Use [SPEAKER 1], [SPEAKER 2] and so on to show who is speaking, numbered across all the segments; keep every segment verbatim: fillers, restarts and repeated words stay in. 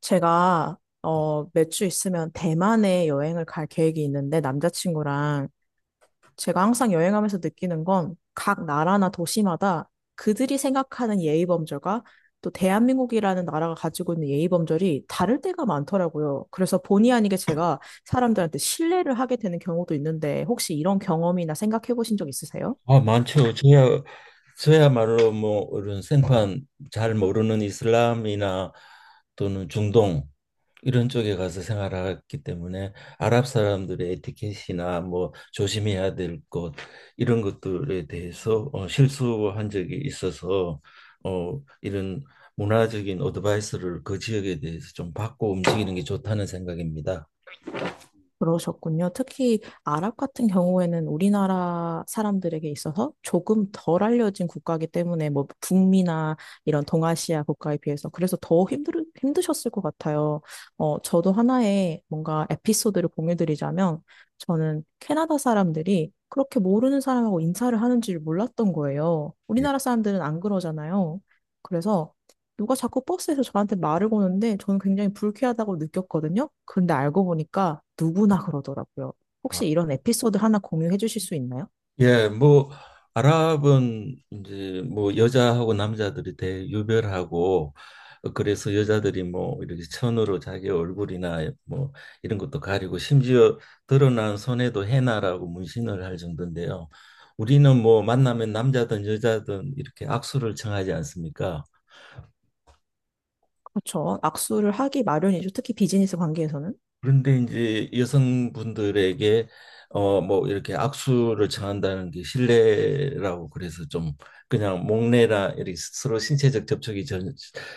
[SPEAKER 1] 제가 어, 몇 주 있으면 대만에 여행을 갈 계획이 있는데 남자친구랑 제가 항상 여행하면서 느끼는 건 각 나라나 도시마다 그들이 생각하는 예의 범절과 또 대한민국이라는 나라가 가지고 있는 예의 범절이 다를 때가 많더라고요. 그래서 본의 아니게 제가 사람들한테 신뢰를 하게 되는 경우도 있는데 혹시 이런 경험이나 생각해 보신 적 있으세요?
[SPEAKER 2] 아, 많죠. 저야 저야말로 뭐 이런 생판 잘 모르는 이슬람이나 또는 중동 이런 쪽에 가서 생활했기 때문에 아랍 사람들의 에티켓이나 뭐 조심해야 될 것 이런 것들에 대해서 어, 실수한 적이 있어서 어, 이런 문화적인 어드바이스를 그 지역에 대해서 좀 받고 움직이는 게 좋다는 생각입니다.
[SPEAKER 1] 그러셨군요. 특히 아랍 같은 경우에는 우리나라 사람들에게 있어서 조금 덜 알려진 국가이기 때문에 뭐 북미나 이런 동아시아 국가에 비해서 그래서 더 힘들, 힘드셨을 것 같아요. 어, 저도 하나의 뭔가 에피소드를 공유드리자면 저는 캐나다 사람들이 그렇게 모르는 사람하고 인사를 하는 줄 몰랐던 거예요.
[SPEAKER 2] 네.
[SPEAKER 1] 우리나라 사람들은 안 그러잖아요. 그래서 누가 자꾸 버스에서 저한테 말을 거는데 저는 굉장히 불쾌하다고 느꼈거든요. 근데 알고 보니까 누구나 그러더라고요. 혹시 이런 에피소드 하나 공유해 주실 수 있나요?
[SPEAKER 2] 예, 뭐 아랍은 이제 뭐 여자하고 남자들이 대유별하고 어, 그래서 여자들이 뭐 이렇게 천으로 자기 얼굴이나 뭐 이런 것도 가리고 심지어 드러난 손에도 헤나라고 문신을 할 정도인데요. 우리는 뭐 만나면 남자든 여자든 이렇게 악수를 청하지 않습니까?
[SPEAKER 1] 그렇죠. 악수를 하기 마련이죠. 특히 비즈니스 관계에서는.
[SPEAKER 2] 그런데 이제 여성분들에게 어 뭐 이렇게 악수를 청한다는 게 실례라고 그래서 좀 그냥 목례나 이렇게 서로 신체적 접촉이 전,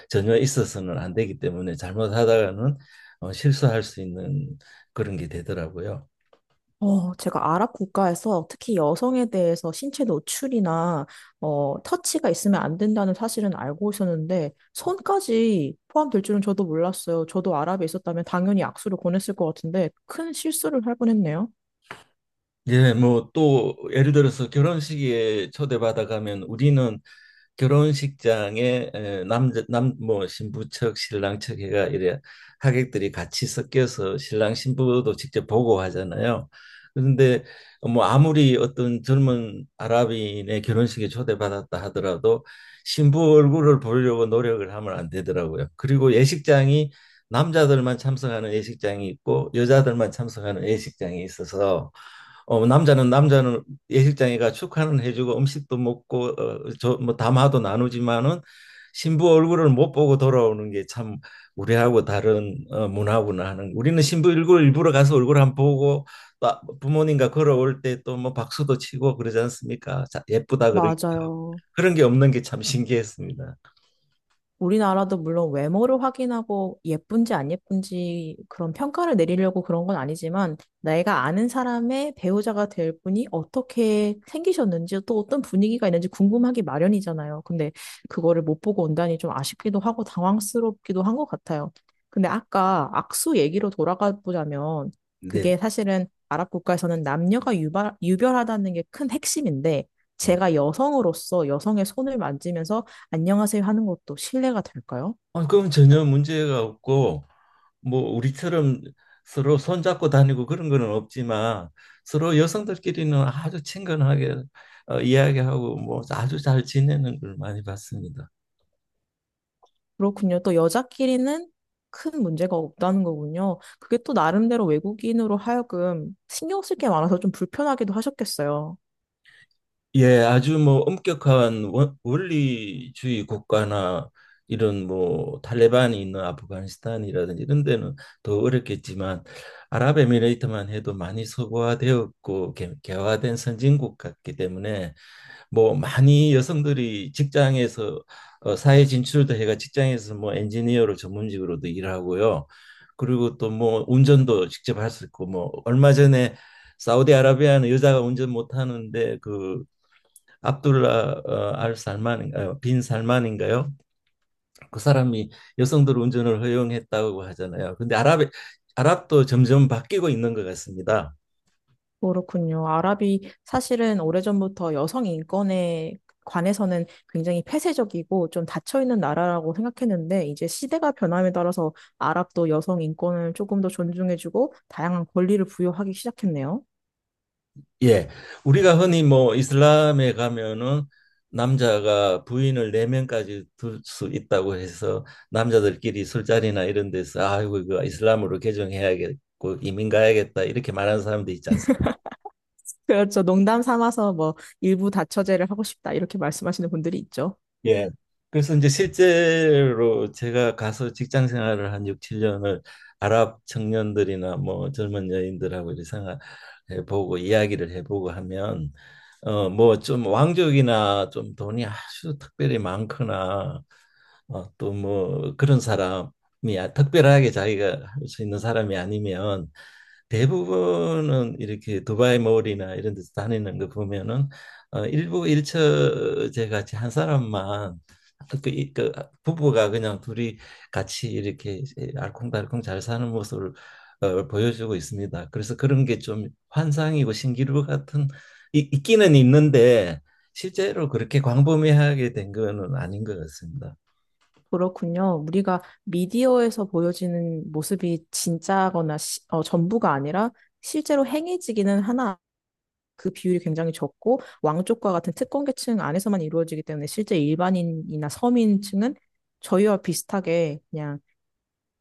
[SPEAKER 2] 전혀 있어서는 안 되기 때문에 잘못하다가는 어, 실수할 수 있는 그런 게 되더라고요.
[SPEAKER 1] 어, 제가 아랍 국가에서 특히 여성에 대해서 신체 노출이나 어, 터치가 있으면 안 된다는 사실은 알고 있었는데 손까지 포함될 줄은 저도 몰랐어요. 저도 아랍에 있었다면 당연히 악수를 권했을 것 같은데 큰 실수를 할 뻔했네요.
[SPEAKER 2] 예, 뭐 또 예를 들어서 결혼식에 초대받아 가면 우리는 결혼식장에 에, 남자 남 뭐 신부 측 신랑 측 해가 이래 하객들이 같이 섞여서 신랑 신부도 직접 보고 하잖아요. 그런데 뭐 아무리 어떤 젊은 아랍인의 결혼식에 초대받았다 하더라도 신부 얼굴을 보려고 노력을 하면 안 되더라고요. 그리고 예식장이 남자들만 참석하는 예식장이 있고 여자들만 참석하는 예식장이 있어서 어, 남자는 남자는 예식장에가 축하는 해주고 음식도 먹고 어, 저, 뭐 담화도 나누지만은 신부 얼굴을 못 보고 돌아오는 게 참 우리하고 다른 어, 문화구나 하는 우리는 신부 얼굴 일부러 가서 얼굴 한번 보고 또 부모님과 걸어올 때 또 뭐 박수도 치고 그러지 않습니까? 자, 예쁘다 그러
[SPEAKER 1] 맞아요.
[SPEAKER 2] 그런 게 없는 게 참 신기했습니다.
[SPEAKER 1] 우리나라도 물론 외모를 확인하고 예쁜지 안 예쁜지 그런 평가를 내리려고 그런 건 아니지만 내가 아는 사람의 배우자가 될 분이 어떻게 생기셨는지 또 어떤 분위기가 있는지 궁금하기 마련이잖아요. 근데 그거를 못 보고 온다니 좀 아쉽기도 하고 당황스럽기도 한 것 같아요. 근데 아까 악수 얘기로 돌아가 보자면
[SPEAKER 2] 네.
[SPEAKER 1] 그게 사실은 아랍 국가에서는 남녀가 유발, 유별하다는 게 큰 핵심인데
[SPEAKER 2] 예.
[SPEAKER 1] 제가 여성으로서 여성의 손을 만지면서 안녕하세요 하는 것도 실례가 될까요?
[SPEAKER 2] 아, 그럼 전혀 문제가 없고 뭐 우리처럼 서로 손잡고 다니고 그런 거는 없지만 서로 여성들끼리는 아주 친근하게 어, 이야기하고 뭐 아주 잘 지내는 걸 많이 봤습니다.
[SPEAKER 1] 그렇군요. 또 여자끼리는 큰 문제가 없다는 거군요. 그게 또 나름대로 외국인으로 하여금 신경 쓸 게 많아서 좀 불편하기도 하셨겠어요.
[SPEAKER 2] 예, 아주 뭐 엄격한 원, 원리주의 국가나 이런 뭐 탈레반이 있는 아프가니스탄이라든지 이런 데는 더 어렵겠지만 아랍에미레이트만 해도 많이 서구화되었고 개, 개화된 선진국 같기 때문에 뭐 많이 여성들이 직장에서 어, 사회 진출도 해가 직장에서 뭐 엔지니어로 전문직으로도 일하고요. 그리고 또 뭐 운전도 직접 할 수 있고 뭐 얼마 전에 사우디아라비아는 여자가 운전 못 하는데 그 압둘라 어, 알 살만인가요? 빈 살만인가요? 그 사람이 여성들 운전을 허용했다고 하잖아요. 근데 아랍 아랍도 점점 바뀌고 있는 것 같습니다.
[SPEAKER 1] 그렇군요. 아랍이 사실은 오래전부터 여성 인권에 관해서는 굉장히 폐쇄적이고 좀 닫혀있는 나라라고 생각했는데 이제 시대가 변함에 따라서 아랍도 여성 인권을 조금 더 존중해주고 다양한 권리를 부여하기 시작했네요.
[SPEAKER 2] 예, 우리가 흔히 뭐 이슬람에 가면은 남자가 부인을 네 명까지 둘 수 있다고 해서 남자들끼리 술자리나 이런 데서 아이고 이거 이슬람으로 개종해야겠고 이민 가야겠다 이렇게 말하는 사람도 있지
[SPEAKER 1] 그렇죠. 농담 삼아서 뭐 일부 다처제를 하고 싶다 이렇게 말씀하시는 분들이 있죠.
[SPEAKER 2] 예. 그래서 이제 실제로 제가 가서 직장 생활을 한 육, 칠 년을 아랍 청년들이나 뭐 젊은 여인들하고 이렇게 생활해 보고 이야기를 해보고 하면 어 뭐 좀 왕족이나 좀 돈이 아주 특별히 많거나 어, 또 뭐 그런 사람이 아- 특별하게 자기가 할 수 있는 사람이 아니면 대부분은 이렇게 두바이 몰이나 이런 데서 다니는 거 보면은 어, 일부 일처제 같이 한 사람만 그, 이- 그 부부가 그냥 둘이 같이 이렇게 알콩달콩 잘 사는 모습을 어, 보여주고 있습니다. 그래서 그런 게 좀 환상이고 신기루 같은 이- 있기는 있는데 실제로 그렇게 광범위하게 된 거는 아닌 것 같습니다.
[SPEAKER 1] 그렇군요. 우리가 미디어에서 보여지는 모습이 진짜거나 시- 어, 전부가 아니라 실제로 행해지기는 하나 그 비율이 굉장히 적고 왕족과 같은 특권 계층 안에서만 이루어지기 때문에 실제 일반인이나 서민층은 저희와 비슷하게 그냥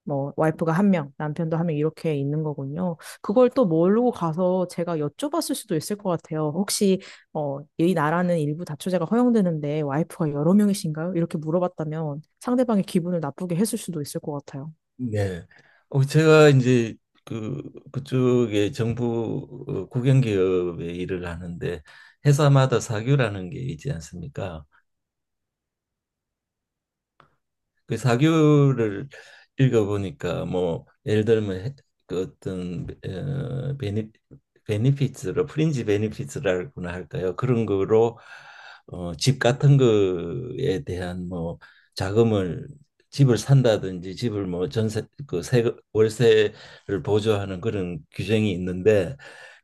[SPEAKER 1] 뭐 와이프가 한 명, 남편도 한 명 이렇게 있는 거군요. 그걸 또 모르고 가서 제가 여쭤봤을 수도 있을 것 같아요. 혹시 어, 이 나라는 일부 다처제가 허용되는데 와이프가 여러 명이신가요? 이렇게 물어봤다면 상대방의 기분을 나쁘게 했을 수도 있을 것 같아요.
[SPEAKER 2] 네. 어, 제가 이제 그 그쪽에 정부 어, 국영기업에 일을 하는데 회사마다 사규라는 게 있지 않습니까? 그 사교를 읽어보니까 뭐 예를 들면 해- 그 어떤 어, 베니 베니피츠로 프린지 베니피츠라고나 할까요? 그런 거로 어, 집 같은 거에 대한 뭐 자금을 집을 산다든지 집을 뭐 전세 그 세금 월세를 보조하는 그런 규정이 있는데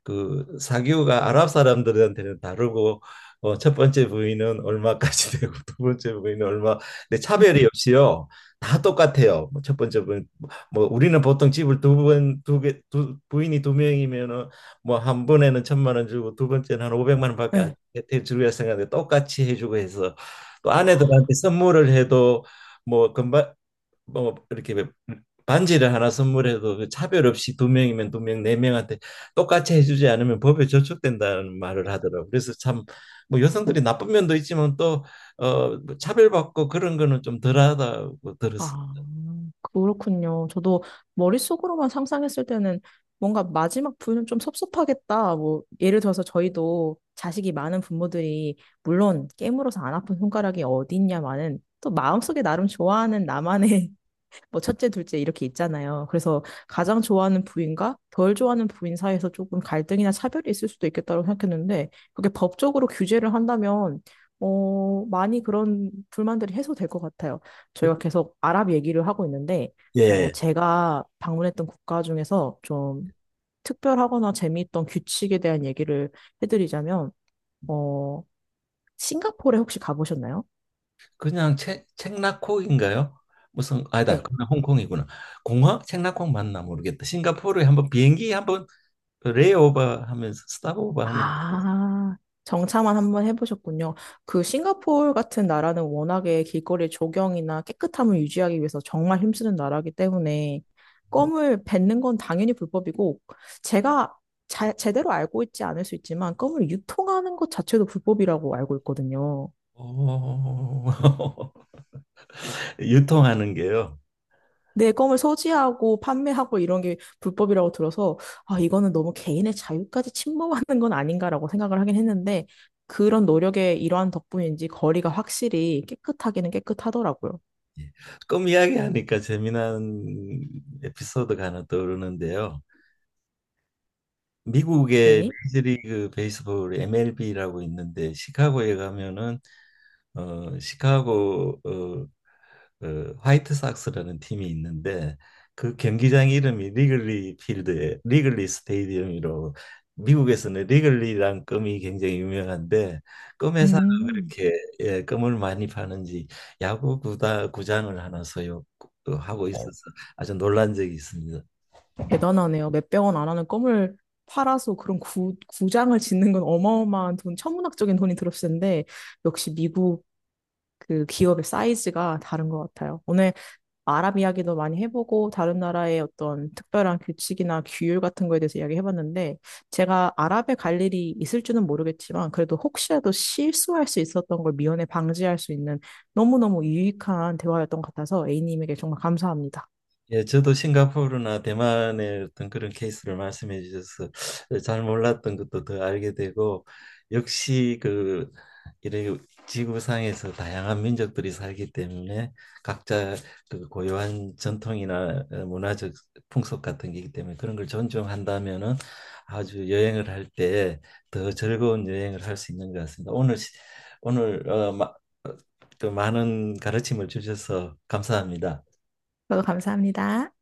[SPEAKER 2] 그 사교가 아랍 사람들한테는 다르고 어, 첫 번째 부인은 얼마까지 되고 두 번째 부인은 얼마 근데 차별이 없이요. 다 똑같아요. 뭐첫 번째 분, 뭐 우리는 보통 집을 두 번, 두 개, 두 부인이 두 명이면은 뭐 한 번에는 천만 원 주고 두 번째는 한 오백만 원밖에 안
[SPEAKER 1] 네.
[SPEAKER 2] 혜택 주려 생각하는데 똑같이 해주고 해서 또 아내들한테 선물을 해도 뭐 금방 뭐 이렇게 반지를 하나 선물해도 그 차별 없이 두 명이면 두 명, 네 명한테 똑같이 해주지 않으면 법에 저촉된다는 말을 하더라고. 그래서 참 뭐 여성들이 나쁜 면도 있지만 또 어, 뭐 차별받고 그런 거는 좀 덜하다고 들었어.
[SPEAKER 1] 아, 그렇군요. 저도 머릿속으로만 상상했을 때는 뭔가 마지막 부유는 좀 섭섭하겠다. 뭐, 예를 들어서 저희도 자식이 많은 부모들이, 물론 깨물어서 안 아픈 손가락이 어디 있냐마는 또 마음속에 나름 좋아하는 나만의 뭐 첫째, 둘째 이렇게 있잖아요. 그래서 가장 좋아하는 부인과 덜 좋아하는 부인 사이에서 조금 갈등이나 차별이 있을 수도 있겠다고 생각했는데 그게 법적으로 규제를 한다면 어, 많이 그런 불만들이 해소될 것 같아요. 저희가 계속 아랍 얘기를 하고 있는데 어,
[SPEAKER 2] 예.
[SPEAKER 1] 제가 방문했던 국가 중에서 좀 특별하거나 재미있던 규칙에 대한 얘기를 해드리자면 어, 싱가포르에 혹시 가보셨나요?
[SPEAKER 2] 그냥 책 책나코인가요? 무슨 아니다.
[SPEAKER 1] 네.
[SPEAKER 2] 그냥 홍콩이구나. 공항 책나콩 맞나 모르겠다. 싱가포르에 한번 비행기 한번 레이오버 하면서 스탑오버 하면서
[SPEAKER 1] 아, 정차만 한번 해보셨군요. 그 싱가포르 같은 나라는 워낙에 길거리 조경이나 깨끗함을 유지하기 위해서 정말 힘쓰는 나라이기 때문에 껌을 뱉는 건 당연히 불법이고 제가 자- 제대로 알고 있지 않을 수 있지만 껌을 유통하는 것 자체도 불법이라고 알고 있거든요.
[SPEAKER 2] 오, 유통하는 게요.
[SPEAKER 1] 내 껌을 소지하고 판매하고 이런 게 불법이라고 들어서 아, 이거는 너무 개인의 자유까지 침범하는 건 아닌가라고 생각을 하긴 했는데 그런 노력의 일환 덕분인지 거리가 확실히 깨끗하기는 깨끗하더라고요.
[SPEAKER 2] 꿈 이야기하니까 재미난 에피소드가 하나 떠오르는데요. 미국의
[SPEAKER 1] 네.
[SPEAKER 2] 메이저리그 베이스볼 엠엘비라고 있는데 시카고에 가면은 어 시카고 어 그 화이트삭스라는 팀이 있는데 그 경기장 이름이 리글리 필드에 리글리 스테디움이로 미국에서는 리글리란 껌이 굉장히 유명한데 껌 회사가
[SPEAKER 1] 음.
[SPEAKER 2] 그렇게 예, 껌을 많이 파는지 야구 구다 구장을 하나 소유하고 있어서 아주 놀란 적이 있습니다.
[SPEAKER 1] 대단하네요. 몇백 원 안 하는 껌을 팔아서 그런 구, 구장을 짓는 건 어마어마한 돈, 천문학적인 돈이 들었을 텐데, 역시 미국 그 기업의 사이즈가 다른 것 같아요. 오늘 아랍 이야기도 많이 해보고 다른 나라의 어떤 특별한 규칙이나 규율 같은 거에 대해서 이야기해봤는데 제가 아랍에 갈 일이 있을지는 모르겠지만 그래도 혹시라도 실수할 수 있었던 걸 미연에 방지할 수 있는 너무너무 유익한 대화였던 것 같아서 A님에게 정말 감사합니다.
[SPEAKER 2] 예, 저도 싱가포르나 대만의 어떤 그런 케이스를 말씀해 주셔서 예, 잘 몰랐던 것도 더 알게 되고 역시 그이게 지구상에서 다양한 민족들이 살기 때문에 각자 그 고유한 전통이나 어, 문화적 풍속 같은 게 있기 때문에 그런 걸 존중한다면은 아주 여행을 할 때 더 즐거운 여행을 할 수 있는 것 같습니다. 오늘 시- 오늘 어, 마, 어, 또 많은 가르침을 주셔서 감사합니다.
[SPEAKER 1] 저도 감사합니다.